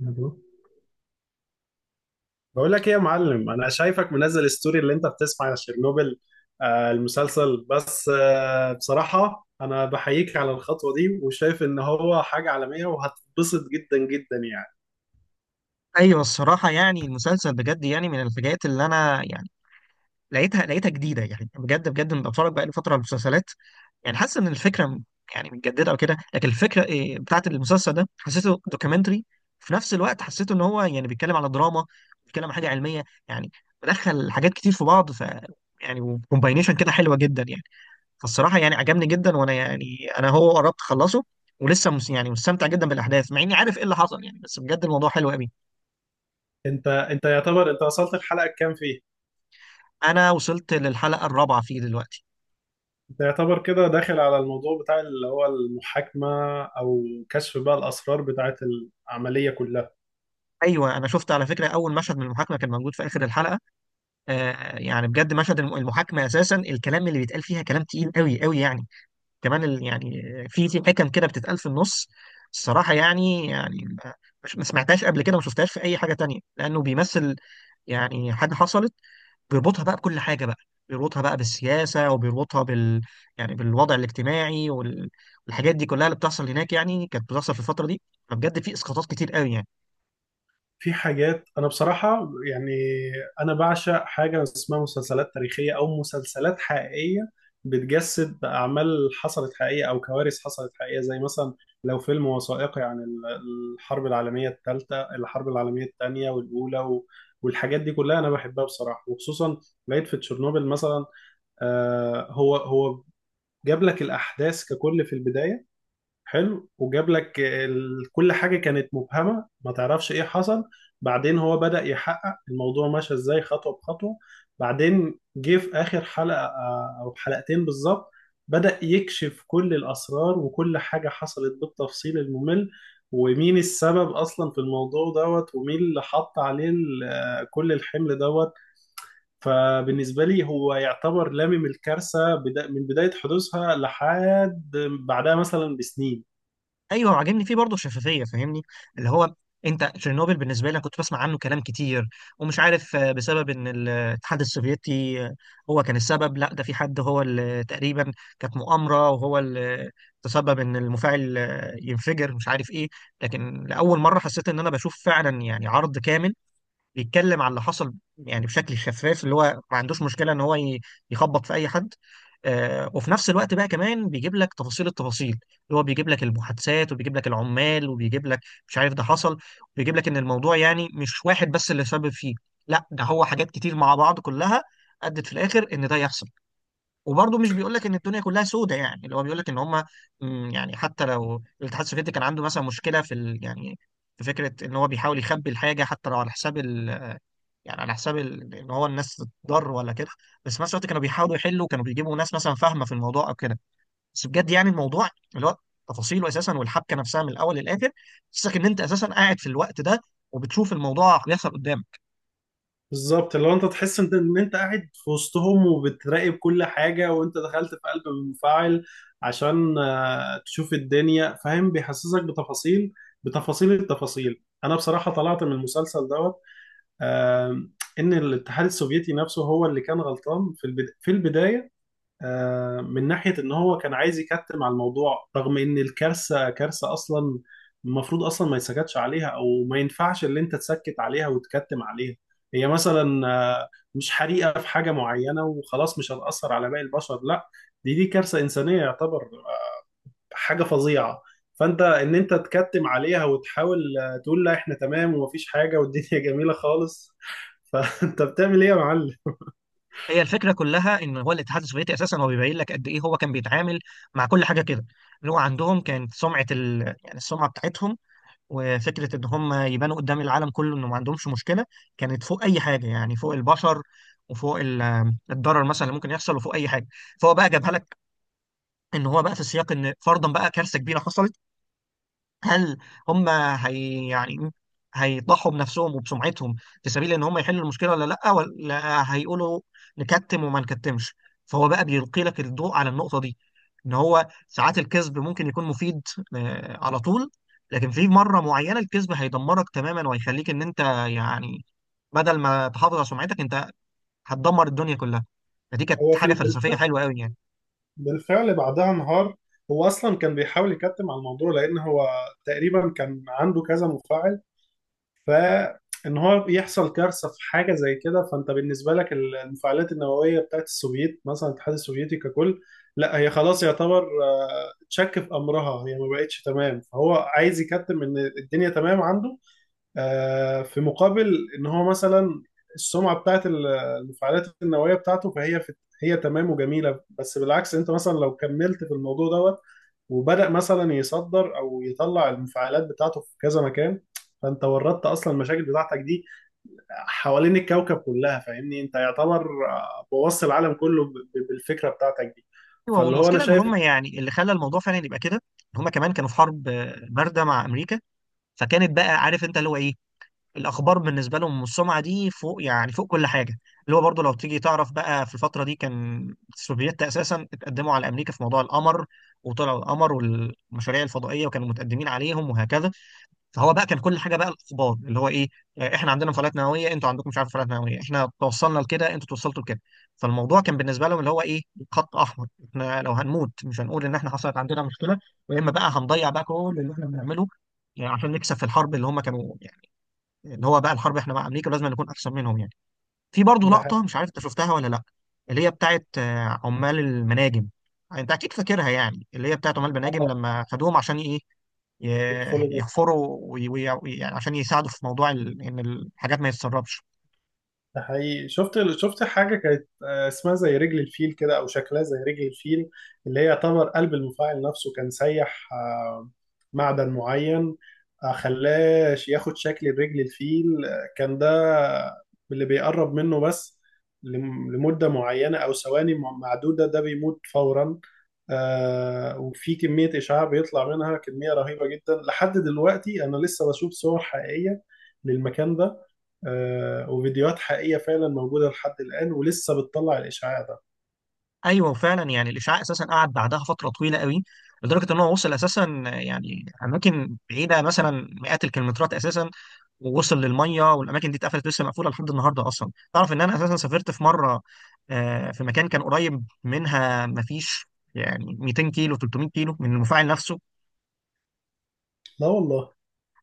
مبروك. بقول لك ايه يا معلم، انا شايفك منزل ستوري اللي انت بتسمع على شيرنوبل المسلسل. بس بصراحة انا بحييك على الخطوة دي وشايف ان هو حاجة عالمية وهتتبسط جدا جدا يعني. ايوه، الصراحه يعني المسلسل بجد يعني من الحاجات اللي انا يعني لقيتها جديده، يعني بجد بجد انا بتفرج بقالي فتره على المسلسلات، يعني حاسس ان يعني متجدده او كده. لكن الفكره إيه بتاعت المسلسل ده؟ حسيته دوكيومنتري في نفس الوقت، حسيته ان هو يعني بيتكلم على دراما، بيتكلم على حاجه علميه يعني، مدخل حاجات كتير في بعض. يعني وكومباينيشن كده حلوه جدا يعني. فالصراحه يعني عجبني جدا، وانا يعني انا هو قربت اخلصه، ولسه يعني مستمتع جدا بالاحداث مع اني عارف ايه اللي حصل يعني، بس بجد الموضوع حلو قوي. انت يعتبر انت وصلت الحلقة كام فيه؟ انا وصلت للحلقه الرابعه فيه دلوقتي. انت يعتبر كده داخل على الموضوع بتاع اللي هو المحاكمة او كشف بقى الاسرار بتاعت العملية كلها. ايوه، انا شفت على فكره اول مشهد من المحاكمه كان موجود في اخر الحلقه. آه يعني بجد مشهد المحاكمه اساسا الكلام اللي بيتقال فيها كلام تقيل قوي قوي يعني. كمان يعني في حكم كده بتتقال في النص، الصراحه يعني مش ما سمعتهاش قبل كده وما شفتهاش في اي حاجه تانية، لانه بيمثل يعني حاجه حصلت. بيربطها بقى بكل حاجه بقى، بيربطها بقى بالسياسه، وبيربطها بالوضع الاجتماعي والحاجات دي كلها اللي بتحصل هناك، يعني كانت بتحصل في الفتره دي. فبجد في اسقاطات كتير قوي يعني. في حاجات انا بصراحه يعني، انا بعشق حاجه اسمها مسلسلات تاريخيه او مسلسلات حقيقيه بتجسد اعمال حصلت حقيقيه او كوارث حصلت حقيقيه. زي مثلا لو فيلم وثائقي عن الحرب العالميه الثالثه، الحرب العالميه الثانيه والاولى والحاجات دي كلها انا بحبها بصراحه. وخصوصا لقيت في تشيرنوبل مثلا، هو جاب لك الاحداث ككل في البدايه، حلو. وجاب لك ال... كل حاجة كانت مبهمة ما تعرفش ايه حصل. بعدين هو بدأ يحقق الموضوع ماشي ازاي خطوة بخطوة. بعدين جه في آخر حلقة أو حلقتين بالظبط بدأ يكشف كل الأسرار وكل حاجة حصلت بالتفصيل الممل. ومين السبب أصلا في الموضوع دوت، ومين اللي حط عليه كل الحمل دوت. فبالنسبة لي هو يعتبر لامم الكارثة من بداية حدوثها لحد بعدها مثلا بسنين. ايوه، وعاجبني فيه برضه الشفافيه، فاهمني؟ اللي هو انت تشيرنوبل بالنسبه لي أنا كنت بسمع عنه كلام كتير ومش عارف، بسبب ان الاتحاد السوفيتي هو كان السبب، لا ده في حد هو اللي تقريبا كانت مؤامره وهو اللي تسبب ان المفاعل ينفجر، مش عارف ايه. لكن لاول مره حسيت ان انا بشوف فعلا يعني عرض كامل بيتكلم على اللي حصل يعني بشكل شفاف، اللي هو ما عندوش مشكله ان يخبط في اي حد. وفي نفس الوقت بقى كمان بيجيب لك تفاصيل التفاصيل، اللي هو بيجيب لك المحادثات، وبيجيب لك العمال، وبيجيب لك مش عارف ده حصل، وبيجيب لك ان الموضوع يعني مش واحد بس اللي سبب فيه، لا ده هو حاجات كتير مع بعض كلها ادت في الاخر ان ده يحصل. وبرضه مش بيقول لك ان الدنيا كلها سودة يعني، اللي هو بيقول لك ان هم يعني حتى لو الاتحاد السوفيتي كان عنده مثلا مشكله في ال يعني في فكره ان هو بيحاول يخبي الحاجه حتى لو على حساب يعني على حساب ان هو الناس تتضر ولا كده، بس في نفس الوقت كانوا بيحاولوا يحلوا، كانوا بيجيبوا ناس مثلا فاهمه في الموضوع او كده. بس بجد يعني الموضوع اللي هو تفاصيله اساسا والحبكه نفسها من الاول للاخر تحسسك ان انت اساسا قاعد في الوقت ده وبتشوف الموضوع بيحصل قدامك. بالظبط، لو انت تحس ان انت قاعد في وسطهم وبتراقب كل حاجة، وانت دخلت في قلب المفاعل عشان تشوف الدنيا، فاهم؟ بيحسسك بتفاصيل التفاصيل. انا بصراحة طلعت من المسلسل دوت آه، ان الاتحاد السوفيتي نفسه هو اللي كان غلطان في في البداية، من ناحية إن هو كان عايز يكتم على الموضوع. رغم إن الكارثة كارثة أصلا، المفروض أصلا ما يتسكتش عليها. أو ما ينفعش اللي أنت تسكت عليها وتكتم عليها. هي مثلا مش حريقة في حاجة معينة وخلاص مش هتأثر على باقي البشر، لا. دي كارثة إنسانية يعتبر، حاجة فظيعة. فأنت إن أنت تكتم عليها وتحاول تقول لا، إحنا تمام ومفيش حاجة والدنيا جميلة خالص، فأنت بتعمل إيه يا معلم؟ هي الفكره كلها ان هو الاتحاد السوفيتي اساسا هو بيبين لك قد ايه هو كان بيتعامل مع كل حاجه كده، اللي هو عندهم كانت يعني السمعه بتاعتهم وفكره ان هم يبانوا قدام العالم كله انه ما عندهمش مشكله كانت فوق اي حاجه، يعني فوق البشر وفوق الضرر مثلا اللي ممكن يحصل وفوق اي حاجه. فهو بقى جابها لك ان هو بقى في السياق ان فرضا بقى كارثه كبيره حصلت، هل هم هي يعني هيضحوا بنفسهم وبسمعتهم في سبيل ان هم يحلوا المشكله ولا لا، ولا هيقولوا نكتم وما نكتمش؟ فهو بقى بيلقي لك الضوء على النقطه دي، ان هو ساعات الكذب ممكن يكون مفيد، على طول، لكن في مره معينه الكذب هيدمرك تماما وهيخليك ان انت يعني بدل ما تحافظ على سمعتك انت هتدمر الدنيا كلها. فدي كانت هو في حاجه فلسفيه البلد حلوه قوي يعني. بالفعل بعدها انهار. هو اصلا كان بيحاول يكتم على الموضوع لان هو تقريبا كان عنده كذا مفاعل. فان هو يحصل كارثه في حاجه زي كده، فانت بالنسبه لك المفاعلات النوويه بتاعت السوفييت مثلا، الاتحاد السوفيتي ككل، لا هي خلاص يعتبر تشك في امرها، هي ما بقتش تمام. فهو عايز يكتم ان الدنيا تمام عنده، في مقابل ان هو مثلا السمعه بتاعت المفاعلات النوويه بتاعته، فهي هي تمام وجميله. بس بالعكس، انت مثلا لو كملت في الموضوع دوت، وبدأ مثلا يصدر او يطلع المفاعلات بتاعته في كذا مكان، فانت وردت اصلا المشاكل بتاعتك دي حوالين الكوكب كلها، فاهمني؟ انت يعتبر بوظت العالم كله بالفكره بتاعتك دي. ايوه، فاللي هو انا والمشكله ان شايف هم يعني اللي خلى الموضوع فعلا يبقى كده، هم كمان كانوا في حرب بارده مع امريكا، فكانت بقى عارف انت اللي هو ايه، الاخبار بالنسبه لهم والسمعه دي فوق يعني فوق كل حاجه. اللي هو برضو لو تيجي تعرف بقى في الفتره دي كان السوفييت اساسا اتقدموا على امريكا في موضوع القمر، وطلعوا القمر والمشاريع الفضائيه وكانوا متقدمين عليهم وهكذا. فهو بقى كان كل حاجه بقى الاخبار اللي هو ايه، احنا عندنا مفاعلات نوويه، انتوا عندكم مش عارف مفاعلات نوويه، احنا توصلنا لكده انتوا توصلتوا لكده. فالموضوع كان بالنسبه لهم اللي هو ايه، خط احمر، احنا لو هنموت مش هنقول ان احنا حصلت عندنا مشكله، يا اما بقى هنضيع بقى كل اللي احنا بنعمله، يعني عشان نكسب في الحرب اللي هم كانوا يعني، اللي هو بقى الحرب احنا مع امريكا لازم نكون احسن منهم يعني. في برضه ده حاجة- لقطه مش عارف انت شفتها ولا لا، اللي هي بتاعت عمال المناجم، انت اكيد فاكرها يعني، اللي هي بتاعت عمال المناجم آه، لما خدوهم عشان ايه، يدخلوا. يحفروا يعني عشان يساعدوا في موضوع ان الحاجات ما يتسربش. ده حقيقي، شفت حاجة كانت اسمها زي رجل الفيل كده، أو شكلها زي رجل الفيل. اللي هي يعتبر قلب المفاعل نفسه كان سيح، معدن معين، خلاه ياخد شكل رجل الفيل. كان ده اللي بيقرب منه بس لمدة معينة أو ثواني معدودة، ده بيموت فورا. وفي كمية إشعاع بيطلع منها كمية رهيبة جدا. لحد دلوقتي أنا لسه بشوف صور حقيقية للمكان ده، وفيديوهات حقيقية فعلا موجودة لحد الآن ولسه بتطلع الإشعاع ده. ايوه فعلا يعني الاشعاع اساسا قعد بعدها فتره طويله قوي، لدرجه ان هو وصل اساسا يعني اماكن بعيده مثلا مئات الكيلومترات اساسا، ووصل للميه، والاماكن دي اتقفلت، لسه مقفوله لحد النهارده اصلا. تعرف ان انا اساسا سافرت في مره، في مكان كان قريب منها، مفيش يعني 200 كيلو 300 كيلو من المفاعل نفسه. لا والله.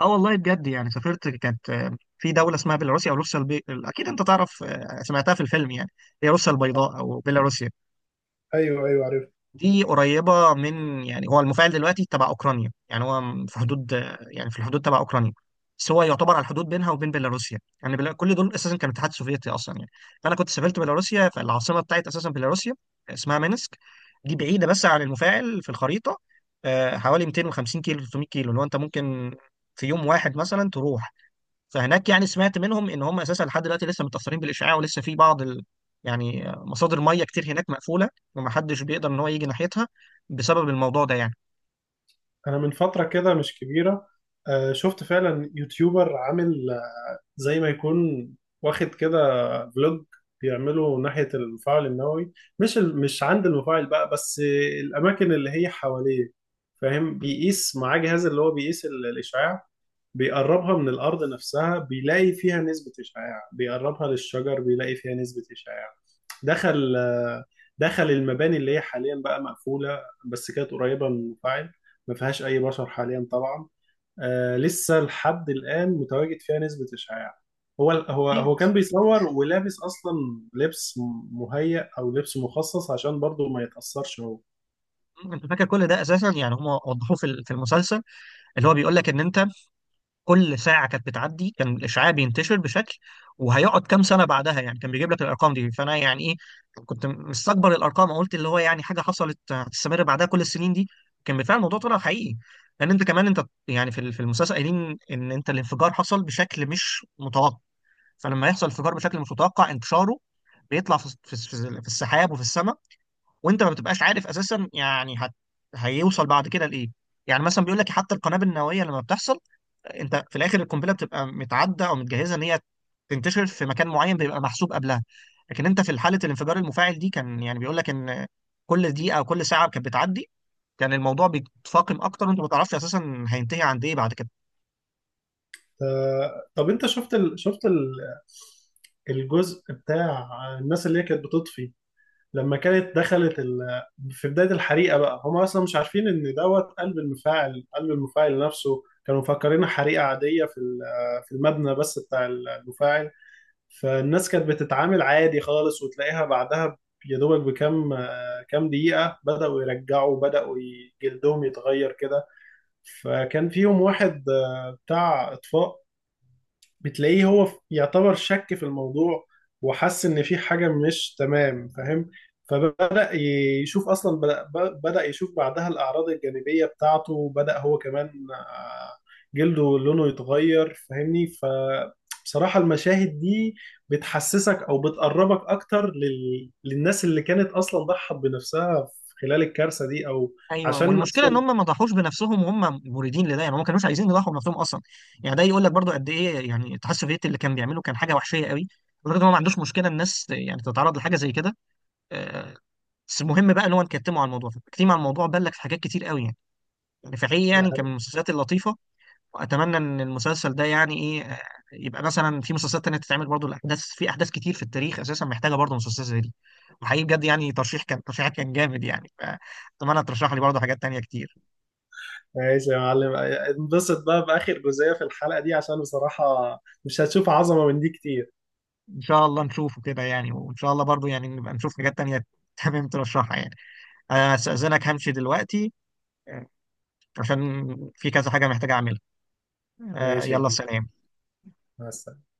اه والله بجد يعني سافرت، كانت في دولة اسمها بيلاروسيا او روسيا اكيد انت تعرف سمعتها في الفيلم يعني، هي روسيا البيضاء او بيلاروسيا. ايوه ايوه، عارف. دي قريبة من يعني، هو المفاعل دلوقتي تبع اوكرانيا يعني، هو في حدود يعني في الحدود تبع اوكرانيا، بس هو يعتبر على الحدود بينها وبين بيلاروسيا يعني. كل دول اساسا كان الاتحاد السوفيتي اصلا يعني. فانا كنت سافرت بيلاروسيا، فالعاصمة بتاعت اساسا بيلاروسيا اسمها مينسك، دي بعيدة بس عن المفاعل في الخريطة حوالي 250 كيلو 300 كيلو، اللي هو انت ممكن في يوم واحد مثلا تروح. فهناك يعني سمعت منهم ان هم اساسا لحد دلوقتي لسه متاثرين بالاشعاع، ولسه في بعض يعني مصادر ميه كتير هناك مقفوله، ومحدش بيقدر ان هو يجي ناحيتها بسبب الموضوع ده يعني. أنا من فترة كده مش كبيرة، شفت فعلا يوتيوبر عامل زي ما يكون واخد كده فلوج بيعمله ناحية المفاعل النووي. مش عند المفاعل بقى، بس الأماكن اللي هي حواليه، فاهم؟ بيقيس معاه جهاز اللي هو بيقيس الإشعاع. بيقربها من الأرض نفسها بيلاقي فيها نسبة إشعاع، بيقربها للشجر بيلاقي فيها نسبة إشعاع. دخل دخل المباني اللي هي حاليا بقى مقفولة، بس كانت قريبة من المفاعل. ما فيهاش أي بشر حاليا طبعا. آه، لسه لحد الآن متواجد فيها نسبة إشعاع. هو اكيد كان بيصور ولابس أصلا لبس مهيأ أو لبس مخصص عشان برضه ما يتأثرش هو. انت فاكر كل ده، اساسا يعني هم وضحوه في المسلسل، اللي هو بيقول لك ان انت كل ساعه كانت بتعدي كان الاشعاع بينتشر بشكل وهيقعد كام سنه بعدها يعني، كان بيجيب لك الارقام دي، فانا يعني ايه كنت مستكبر الارقام، قلت اللي هو يعني حاجه حصلت هتستمر بعدها كل السنين دي؟ كان بالفعل الموضوع طلع حقيقي، لان انت كمان انت يعني في المسلسل قايلين ان انت الانفجار حصل بشكل مش متوقع، فلما يحصل انفجار بشكل مش متوقع انتشاره بيطلع في السحاب وفي السماء، وانت ما بتبقاش عارف اساسا يعني هيوصل بعد كده لايه. يعني مثلا بيقول لك حتى القنابل النوويه لما بتحصل، انت في الاخر القنبله بتبقى متعده او متجهزه ان هي تنتشر في مكان معين بيبقى محسوب قبلها، لكن انت في حاله الانفجار المفاعل دي كان يعني بيقول لك ان كل دقيقه او كل ساعه كانت بتعدي كان الموضوع بيتفاقم اكتر، وانت ما تعرفش اساسا هينتهي عند ايه بعد كده. آه، طب انت شفت ال... شفت ال... الجزء بتاع الناس اللي هي كانت بتطفي لما كانت دخلت ال... في بداية الحريقة بقى، هم أصلا مش عارفين إن دوت قلب المفاعل، قلب المفاعل نفسه كانوا مفكرينها حريقة عادية في في المبنى بس بتاع المفاعل. فالناس كانت بتتعامل عادي خالص، وتلاقيها بعدها يا دوبك بكام كام دقيقة بدأوا يرجعوا، جلدهم يتغير كده. فكان فيهم واحد بتاع إطفاء، بتلاقيه هو يعتبر شك في الموضوع وحس ان في حاجة مش تمام، فاهم؟ فبدأ ي- يشوف اصلا بدأ ب- بدأ يشوف بعدها الاعراض الجانبية بتاعته، وبدأ هو كمان آه، جلده لونه يتغير، فاهمني؟ فبصراحة المشاهد دي بتحسسك او بتقربك اكتر لل... للناس اللي كانت اصلا ضحت بنفسها خلال الكارثة دي او ايوه، عشان والمشكله ان اصلا. هم ما ضحوش بنفسهم وهم مريدين لده يعني، هم ما كانوش عايزين يضحوا بنفسهم اصلا، يعني ده يقول لك برضو قد ايه يعني الاتحاد السوفيتي اللي كان بيعمله كان حاجه وحشيه قوي لدرجه ان هو ما عندوش مشكله الناس يعني تتعرض لحاجه زي كده، آه، بس المهم بقى ان هو نكتمه على الموضوع. فالتكتيم على الموضوع بان لك في حاجات كتير قوي يعني نفاعية، يعني كان من المسلسلات اللطيفة. وأتمنى إن المسلسل ده يعني إيه، يبقى مثلا في مسلسلات تانية تتعمل برضو الأحداث، في أحداث كتير في التاريخ أساسا محتاجة برضو مسلسلات زي دي. وحقيقي بجد يعني ترشيح كان ترشيحك كان جامد يعني، فأتمنى ترشح لي برضو حاجات تانية كتير. ماشي يا معلم، انبسط بقى بآخر جزئية في الحلقة دي عشان بصراحة مش هتشوف عظمة من دي كتير. إن شاء الله نشوفه كده يعني، وإن شاء الله برضو يعني نبقى نشوف حاجات تانية تمام ترشحها يعني. أنا هستأذنك همشي دلوقتي، آه، عشان في كذا حاجة محتاج أعملها. ماشي يا يلا كبير، سلام. مع السلامة.